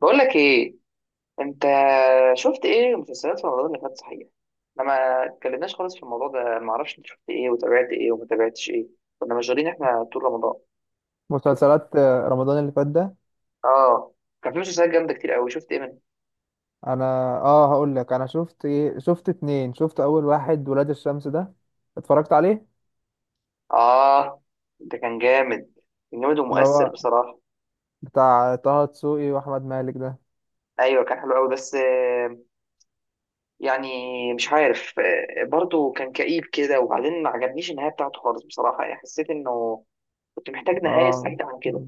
بقول لك ايه، انت شفت ايه مسلسلات في رمضان اللي فات صحيح؟ احنا ما اتكلمناش خالص في الموضوع ده، ما اعرفش انت شفت ايه وتابعت ايه وما تابعتش ايه. كنا مشغولين احنا طول رمضان. شفت، مسلسلات رمضان اللي فات ده. اه. كان في مسلسلات جامده كتير قوي، شفت ايه منها؟ انا اه هقول لك انا شفت ايه. شفت اتنين. شفت اول واحد، ولاد الشمس ده. اتفرجت عليه. اه، ده كان جامد، كان جامد اللي ومؤثر هو بصراحه. بتاع طه دسوقي واحمد مالك ده. ايوه، كان حلو قوي بس، يعني مش عارف، برضه كان كئيب كده، وبعدين ما عجبنيش النهايه بتاعته خالص بصراحه. يعني حسيت انه كنت محتاج نهايه اه، سعيده عن كده.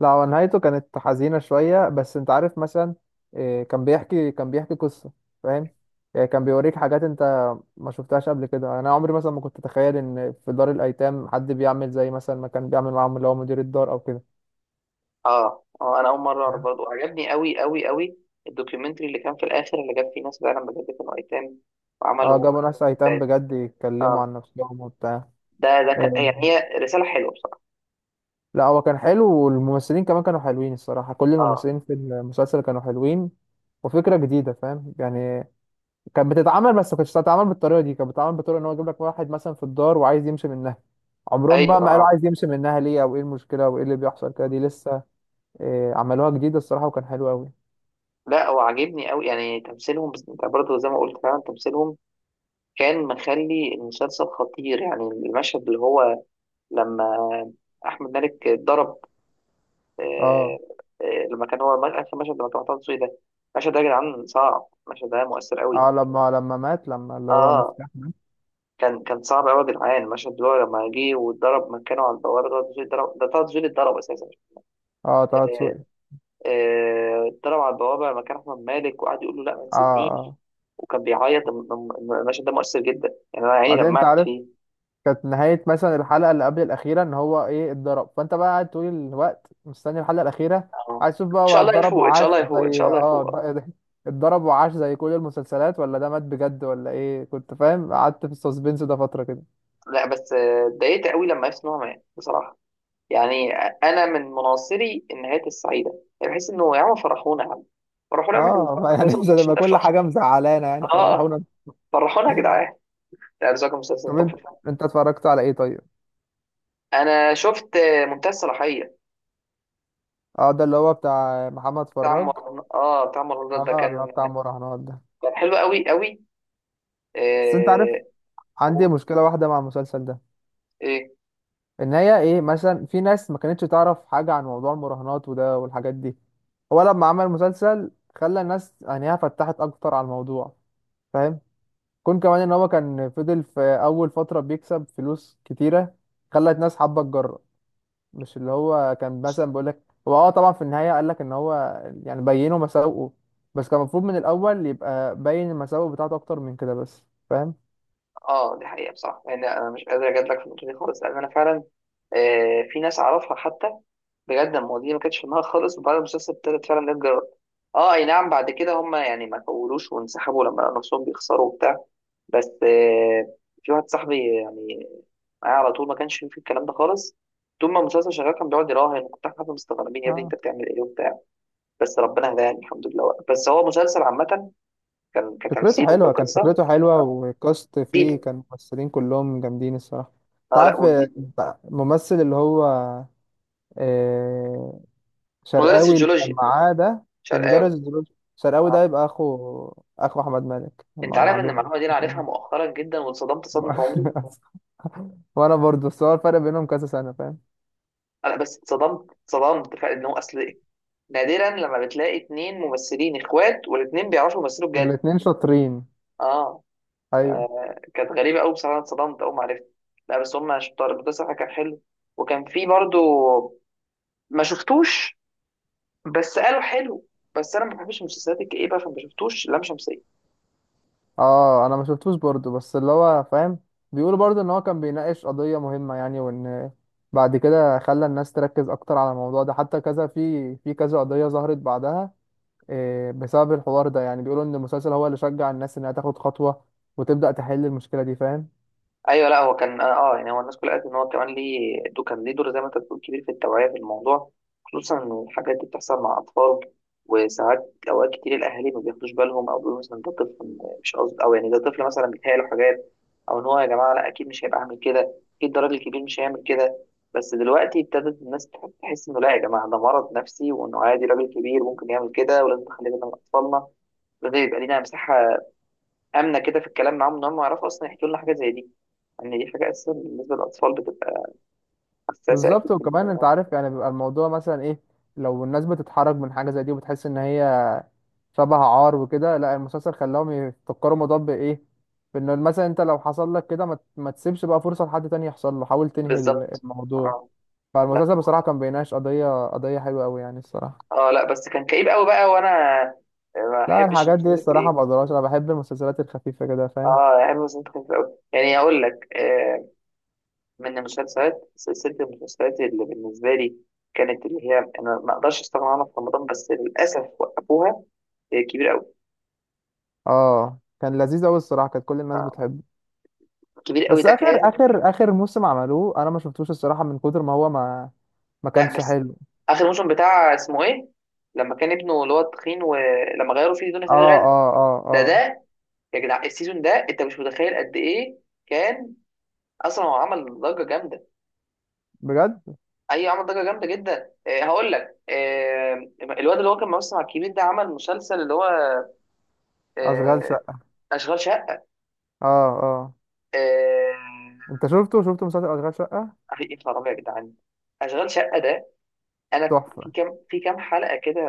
لا هو نهايته كانت حزينة شوية. بس انت عارف مثلا إيه، كان بيحكي قصة. فاهم؟ يعني كان بيوريك حاجات انت ما شفتهاش قبل كده. انا عمري مثلا ما كنت اتخيل ان في دار الايتام حد بيعمل زي مثلا ما كان بيعمل معاهم اللي هو مدير الدار او كده. اه اه، انا اول مره اعرف، برضه عجبني قوي قوي قوي. الدوكيومنتري اللي كان في الاخر اللي جاب فيه ناس فعلا بجد كانوا ايتام اه، وعملوا جابوا ناس ايتام كتاب. بجد يتكلموا اه، عن نفسهم وبتاع. ده كان، آه، يعني هي رساله حلوه بصراحه. لا هو كان حلو والممثلين كمان كانوا حلوين الصراحة. كل اه، الممثلين في المسلسل كانوا حلوين. وفكرة جديدة. فاهم؟ يعني كانت بتتعمل بس ما كانتش بتتعمل بالطريقة دي. كانت بتتعمل بطريقة ان هو يجيب لك واحد مثلا في الدار وعايز يمشي منها. عمرهم بقى ايوه، ما قالوا اه. عايز يمشي منها ليه او ايه المشكلة وايه اللي بيحصل كده. دي لسه. آه، عملوها جديدة الصراحة وكان حلو قوي. لا، وعجبني قوي يعني تمثيلهم، بس انت برضه زي ما قلت فعلا تمثيلهم كان مخلي المسلسل خطير. يعني المشهد اللي هو لما احمد مالك اتضرب، اه. آه. آه، لما كان هو اخر مشهد، لما كان محطوط ده، المشهد ده يا جدعان صعب، المشهد ده مؤثر قوي. اه. لما اللي هو اه، مفتاح مات. كان صعب قوي يا جدعان. المشهد اللي هو لما جه واتضرب مكانه على البوابه، ده تزويل اتضرب، ده طه دسوقي اتضرب اساسا. اه، طه آه، دسوقي. اتضرب على البوابه مكان احمد مالك وقعد يقول له لا ما اه. تسيبنيش. اه. وكان بيعيط المشهد ده مؤثر جدا، يعني انا عيني بعدين انت دمعت عارف، فيه. كانت نهاية مثلا الحلقة اللي قبل الأخيرة إن هو اتضرب. فأنت بقى قاعد طول الوقت مستني الحلقة الأخيرة. اه، عايز تشوف بقى ان شاء هو الله اتضرب يفوق، ان شاء وعاش الله يفوق، ان شاء زي الله يفوق، اه. اتضرب وعاش زي كل المسلسلات، ولا ده مات بجد، ولا إيه. كنت فاهم. قعدت في السسبنس ده فترة كده. لا، بس اتضايقت قوي لما عرفت ان هو مات بصراحه. يعني انا من مناصري النهايات السعيده. يعني بحس انه يا عم فرحونا، يا عم فرحونا، إحنا اه، بنتفرج على ما يعني مسلسل مش مش هتبقى كل نفرح. حاجة مزعلانة. يعني اه، فرحونا. فرحونا يا جدعان. لا، ده كان مسلسل طب أنت تحفه فعلا. أنت اتفرجت على إيه طيب؟ انا شفت منتهى الصلاحيه. اه، ده اللي هو بتاع محمد بتاع فراج. مر... اه بتاع مرات ده اه، اللي هو كان بتاع المراهنات ده. كان حلو قوي قوي بس أنت عارف، آه... عندي و... مشكلة واحدة مع المسلسل ده. ايه؟ ان هي ايه، مثلا في ناس ما كانتش تعرف حاجه عن موضوع المراهنات وده والحاجات دي. هو لما عمل مسلسل خلى الناس عينيها فتحت اكتر على الموضوع. فاهم؟ كون كمان ان هو كان فضل في اول فتره بيكسب فلوس كتيره خلت ناس حابه تجرب. مش اللي هو كان مثلا بيقول لك هو، طبعا في النهايه قال لك ان هو يعني بينه مساوئه. بس كان المفروض من الاول يبقى باين المساوئ بتاعته اكتر من كده بس. فاهم؟ اه، دي حقيقه بصراحه، يعني انا مش قادر اجادلك في النقطه دي خالص، لان انا فعلا، في ناس اعرفها حتى بجد المواضيع دي ما كانتش في دماغها خالص، وبعد المسلسل ابتدت فعلا ده تجرب. اه، اي نعم، بعد كده هم يعني ما طولوش وانسحبوا لما لقوا نفسهم بيخسروا وبتاع. بس، في واحد صاحبي يعني معايا على طول ما كانش في الكلام ده خالص. طول ما المسلسل شغال كان بيقعد يراهن، احنا كنا مستغربين يا ابني انت بتعمل ايه وبتاع. بس ربنا هداني الحمد لله. بس هو مسلسل عامة كان فكرته كتمثيل حلوة كان وكقصة فكرته حلوة، آه، والكاست فيه جديدة. كان ممثلين كلهم جامدين الصراحة. انت اه، لا، عارف وجديد. الممثل اللي هو آه، مدرس شرقاوي اللي كان الجيولوجيا معاه ده ومدرس شرقاوي. الدروس. شرقاوي ده اه، يبقى اخو احمد مالك. انت عارف ان المعلومة معلومة. دي انا عارفها مؤخرا جدا، واتصدمت صدمة عمري. وانا برضو. بس هو الفرق بينهم كذا سنة. فاهم؟ انا بس اتصدمت فعلا ان هو اصل نادرا لما بتلاقي اتنين ممثلين اخوات والاتنين بيعرفوا يمثلوا بجد. الاتنين شاطرين. اه، ايوه. كانت غريبه قوي بصراحه، أنا اتصدمت اول ما عرفت. لا بس هم شطار، ده صراحه كان حلو. وكان في برضو ما شفتوش، بس قالوا حلو. بس انا ما بحبش المسلسلات الكئيبه، فما شفتوش لام شمسيه. اه، انا ما شفتوش برضو. بس اللي هو فاهم، بيقولوا برضو ان هو كان بيناقش قضية مهمة يعني، وان بعد كده خلى الناس تركز اكتر على الموضوع ده. حتى كذا في كذا قضية ظهرت بعدها، بسبب الحوار ده. يعني بيقولوا ان المسلسل هو اللي شجع الناس انها تاخد خطوة وتبدأ تحل المشكلة دي. فاهم؟ ايوه، لا، هو كان يعني هو الناس كلها قالت ان هو كمان ليه دو كان ليه دور زي ما انت بتقول كبير في التوعيه في الموضوع. خصوصا ان الحاجات دي بتحصل مع اطفال، وساعات اوقات كتير الاهالي ما بياخدوش بالهم، او بيقولوا مثلا ده طفل مش قصد، او يعني ده طفل مثلا بيتهيأ له حاجات، او ان هو يا جماعه لا اكيد مش هيبقى عامل كده، اكيد ده راجل كبير مش هيعمل كده. بس دلوقتي ابتدت الناس تحس انه لا يا جماعه، ده مرض نفسي، وانه عادي راجل كبير ممكن يعمل كده، ولازم نخلي بالنا من اطفالنا، ولازم يبقى لينا مساحه امنه كده في الكلام معاهم ان هم يعرفوا اصلا يحكوا لنا حاجه زي دي. ان دي حاجه اساسا بالنسبه للاطفال بتبقى حساسه بالظبط. اكيد وكمان انت جدا. عارف يعني، بيبقى الموضوع مثلا ايه، لو الناس بتتحرج من حاجه زي دي وبتحس ان هي شبه عار وكده، لا المسلسل خلاهم يفكروا الموضوع بايه. بان مثلا انت لو حصل لك كده، ما تسيبش بقى فرصه لحد تاني يحصل له. حاول تنهي بالظبط، الموضوع. اه. لا، فالمسلسل بصراحه كان بيناقش قضيه حلوه قوي يعني الصراحه. اه. لا بس كان كئيب قوي بقى، وانا ما لا احبش الحاجات دي المسلسلات الصراحه ما الكئيبه. بقدرهاش. انا بحب المسلسلات الخفيفه كده. فاهم؟ اه، يعني المسلسلات كانت قوي، يعني اقول لك، من المسلسلات سلسله المسلسلات اللي بالنسبه لي كانت اللي هي انا ما اقدرش استغنى عنها في رمضان، بس للاسف وقفوها، كبير قوي. اه، كان لذيذ قوي الصراحه. كانت كل الناس اه، بتحبه. كبير قوي بس ده اخر كان. اخر اخر موسم عملوه انا ما شفتوش الصراحه. من كتر ما هو ما لا كانش بس حلو. اخر موسم بتاع اسمه ايه لما كان ابنه اللي هو التخين ولما غيروا فيه دنيا سمير اه. غانم، اه. اه. ده اه. ده يا جدع السيزون ده انت مش متخيل قد ايه كان. اصلا هو عمل ضجه جامده، بجد. اي عمل ضجه جامده جدا. إيه، هقول لك إيه. الواد اللي هو كان ممثل مع الكبير ده عمل مسلسل اللي هو اشغال إيه، شقه. اشغال شقه. اه. اه. إيه، انت شفته مسلسل اشغال شقه؟ اخي ايه الرابع يا جدعان، اشغال شقه ده انا تحفه. في كام حلقه كده،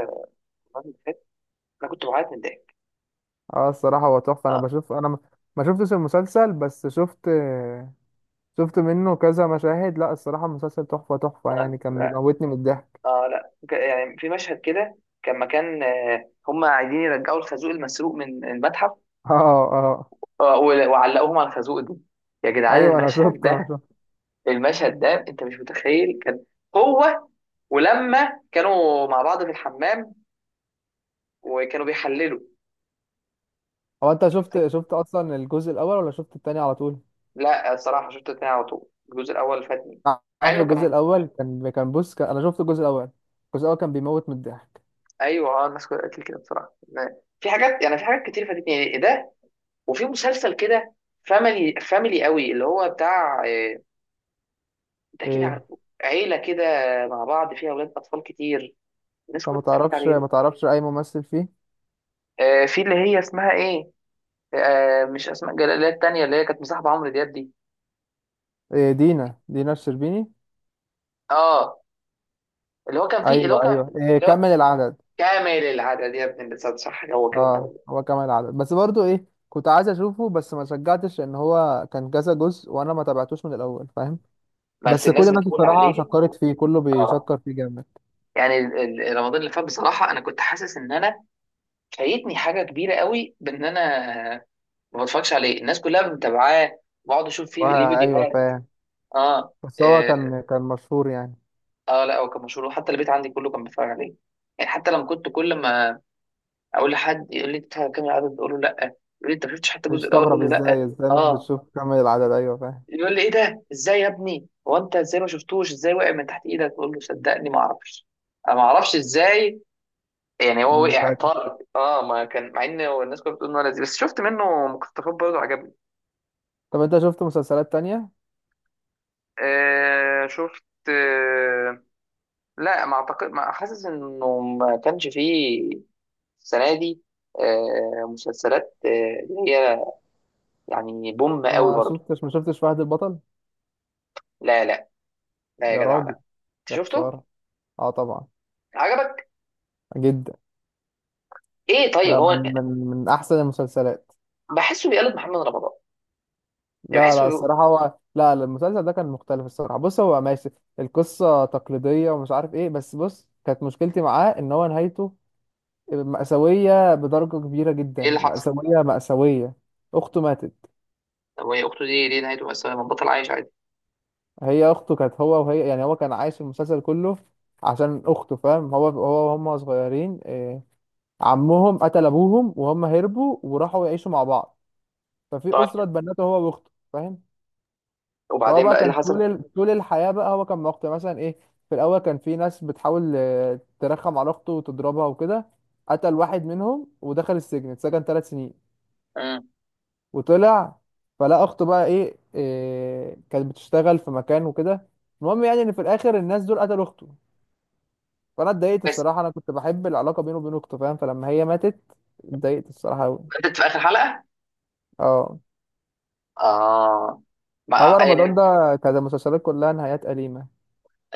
الواد اللي فات، انا كنت بعيط من الضحك. اه، الصراحه هو تحفه. آه. انا ما شفتش المسلسل بس شفت منه كذا مشاهد. لا الصراحه المسلسل تحفه تحفه يعني. كان بيموتني من الضحك. اه، لا، يعني في مشهد كده كان مكان، هم عايزين يرجعوا الخازوق المسروق من المتحف اه. اه. آه، وعلقوهم على الخازوق ده، يا جدعان ايوه، انا المشهد شفت انا ده، شفت المشهد ده انت مش متخيل. كان هو ولما كانوا مع بعض في الحمام وكانوا بيحللوا. هو انت شفت شفت اصلا الجزء الاول ولا شفت التاني على طول؟ لا، الصراحه شفت اتنين على طول، الجزء الاول فاتني مع عارف انه كان. الجزء الاول كان كان بص كان انا شفت الجزء الاول. الجزء الاول كان بيموت من الضحك. ايوه، اه، الناس كلها قالت لي كده بصراحه. في حاجات، يعني في حاجات كتير فاتتني، يعني إيه ده. وفي مسلسل كده فاميلي فاميلي قوي اللي هو بتاع، ده اكيد ايه. عارفه. عيله كده مع بعض فيها اولاد اطفال كتير، الناس طب كلها ما بتتفرج تعرفش عليه بقى. ما تعرفش اي ممثل فيه؟ في اللي هي اسمها ايه، مش اسماء جلال اللي هي التانيه اللي هي كانت مصاحبه عمرو دياب دي. إيه، دينا الشربيني. اه، اللي هو كان فيه اللي هو ايوه، كان ايوه، إيه، اللي هو كمل العدد. كامل العدد يا ابن الانسان، صح هو كده اه، الأول. هو كمل العدد، بس برضو ايه، كنت عايز اشوفه بس ما شجعتش ان هو كان كذا جزء وانا ما تابعتوش من الاول. فاهم؟ بس بس كل الناس الناس بتقول الصراحه عليه. شكرت فيه. كله اه بيشكر فيه جامد. يعني رمضان اللي فات بصراحه انا كنت حاسس ان انا فايتني حاجه كبيره قوي بان انا ما بتفرجش عليه، الناس كلها متابعاه، بقعد اشوف فيه ليه ايوه فيديوهات. فاهم. اه بس هو آه، كان مشهور يعني. اه لا، هو كان مشهور، وحتى البيت عندي كله كان بيتفرج عليه. يعني حتى لما كنت كل ما اقول لحد يقول لي انت بتتفرج على كام العدد اقول له لا، يقول لي انت ما شفتش حتى الجزء الاول اقول استغرب له ازاي لا. ازاي مش اه، بتشوف كمل العدد. ايوه فاهم. يقول لي ايه ده، ازاي يا ابني هو انت ازاي ما شفتوش، ازاي وقع من تحت ايدك، اقول له صدقني ما اعرفش، انا ما اعرفش ازاي. يعني هو وقع فاكر. طارق اه، ما كان مع ان هو الناس كانت بتقول انه لذيذ، بس شفت منه مقتطفات برضه عجبني. طب انت شفت مسلسلات تانية؟ شفت آه، لا ما اعتقد، ما حاسس انه ما كانش فيه السنه دي، مسلسلات، اللي هي يعني بوم قوي ما برضو. شفتش ما شفتش فهد البطل؟ لا لا لا يا يا جدع راجل، لا. انت يا شفته، خساره. اه طبعا. عجبك؟ جدا. ايه طيب، لا هو من احسن المسلسلات. بحسه بيقلد محمد رمضان، يعني لا بحسه لا بيقول. الصراحه، هو لا لا، المسلسل ده كان مختلف الصراحه. بص هو ماشي. القصه تقليديه ومش عارف ايه، بس بص كانت مشكلتي معاه ان هو نهايته مأساويه بدرجه كبيره ايه جدا. اللي حصل؟ مأساويه مأساويه. اخته ماتت. هو هي اخته دي ليه نهايته مأساوية، ما بطل عايش عادي؟ هي اخته كانت هو وهي. يعني هو كان عايش المسلسل كله عشان اخته. فاهم؟ هو وهم صغيرين، عمهم قتل ابوهم وهم هربوا وراحوا يعيشوا مع بعض. ففي اسره طيب، اتبنته هو واخته. فاهم؟ فهو وبعدين بقى بقى إيه اللي كان حصل؟ طول الحياة بقى. هو كان مقطع مثلا ايه. في الأول كان في ناس بتحاول ترخم على أخته وتضربها وكده. قتل واحد منهم ودخل السجن، اتسجن ثلاث سنين. امم وطلع. فلا أخته بقى ايه, إيه كانت بتشتغل في مكان وكده. المهم يعني إن في الآخر الناس دول قتلوا أخته. فأنا اتضايقت بس الصراحة. أنا كنت بحب العلاقة بينه وبين أخته. فاهم؟ فلما هي ماتت اتضايقت الصراحة أوي. بدأت في اخر حلقه. اه. اه، ما هو آه. رمضان آه، ده كانت المسلسلات كلها نهايات أليمة.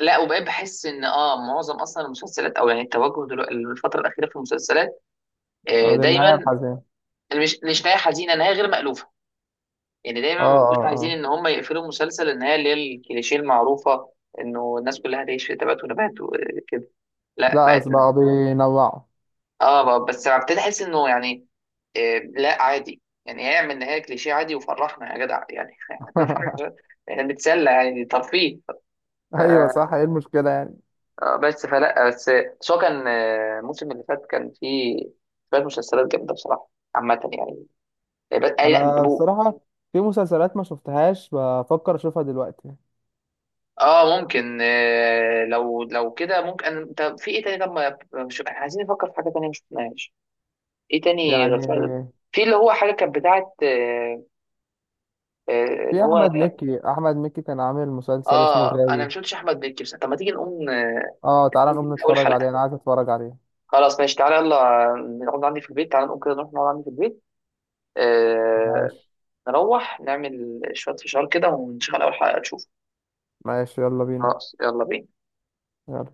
لا وبقيت بحس ان معظم اصلا المسلسلات او يعني التوجه دلوقتي الفتره الاخيره في المسلسلات آه، آه، للنهاية دايما الحزينة. مش نهايه حزينه، نهايه غير مألوفه. يعني اه. دايما ما بيبقوش اه. عايزين اه. ان هم يقفلوا المسلسل النهايه اللي هي الكليشيه المعروفه انه الناس كلها هتعيش في تبات ونبات وكده. لا لا بقت، بقى بينوعوا. اه بقى بس ابتدي احس انه يعني، لا عادي، يعني يعمل نهايه كليشيه عادي، وفرحنا يا جدع يعني احنا بنتسلى يعني ترفيه. ف- ايوه صح. ايه المشكله يعني. بس فلا بس. بس هو كان، الموسم اللي فات كان فيه شويه مسلسلات جامده بصراحه عامه يعني بس. انا بصراحه، في مسلسلات ما شفتهاش بفكر اشوفها دلوقتي. اه، ممكن، لو كده ممكن، طب في ايه تاني؟ طب ما مش عايزين نفكر في حاجه تانيه مش شفناهاش؟ ايه تاني غير يعني فعلا في اللي هو حاجه كانت بتاعه، اللي في هو. احمد مكي كان عامل مسلسل اسمه اه، انا الغاوي. مش قلتش احمد مكي، بس طب ما تيجي نقوم، اه تعالى نقوم من اول نتفرج عليه. حلقه. انا عايز اتفرج عليه. خلاص ماشي، تعالى يلا نقعد عندي في البيت، تعالى نقوم كده نروح نقعد عندي في البيت آه ماشي. نروح نعمل شويه فشار كده ونشغل اول حلقه تشوف. ماشي يلا بينا. خلاص يلا بينا. يلا.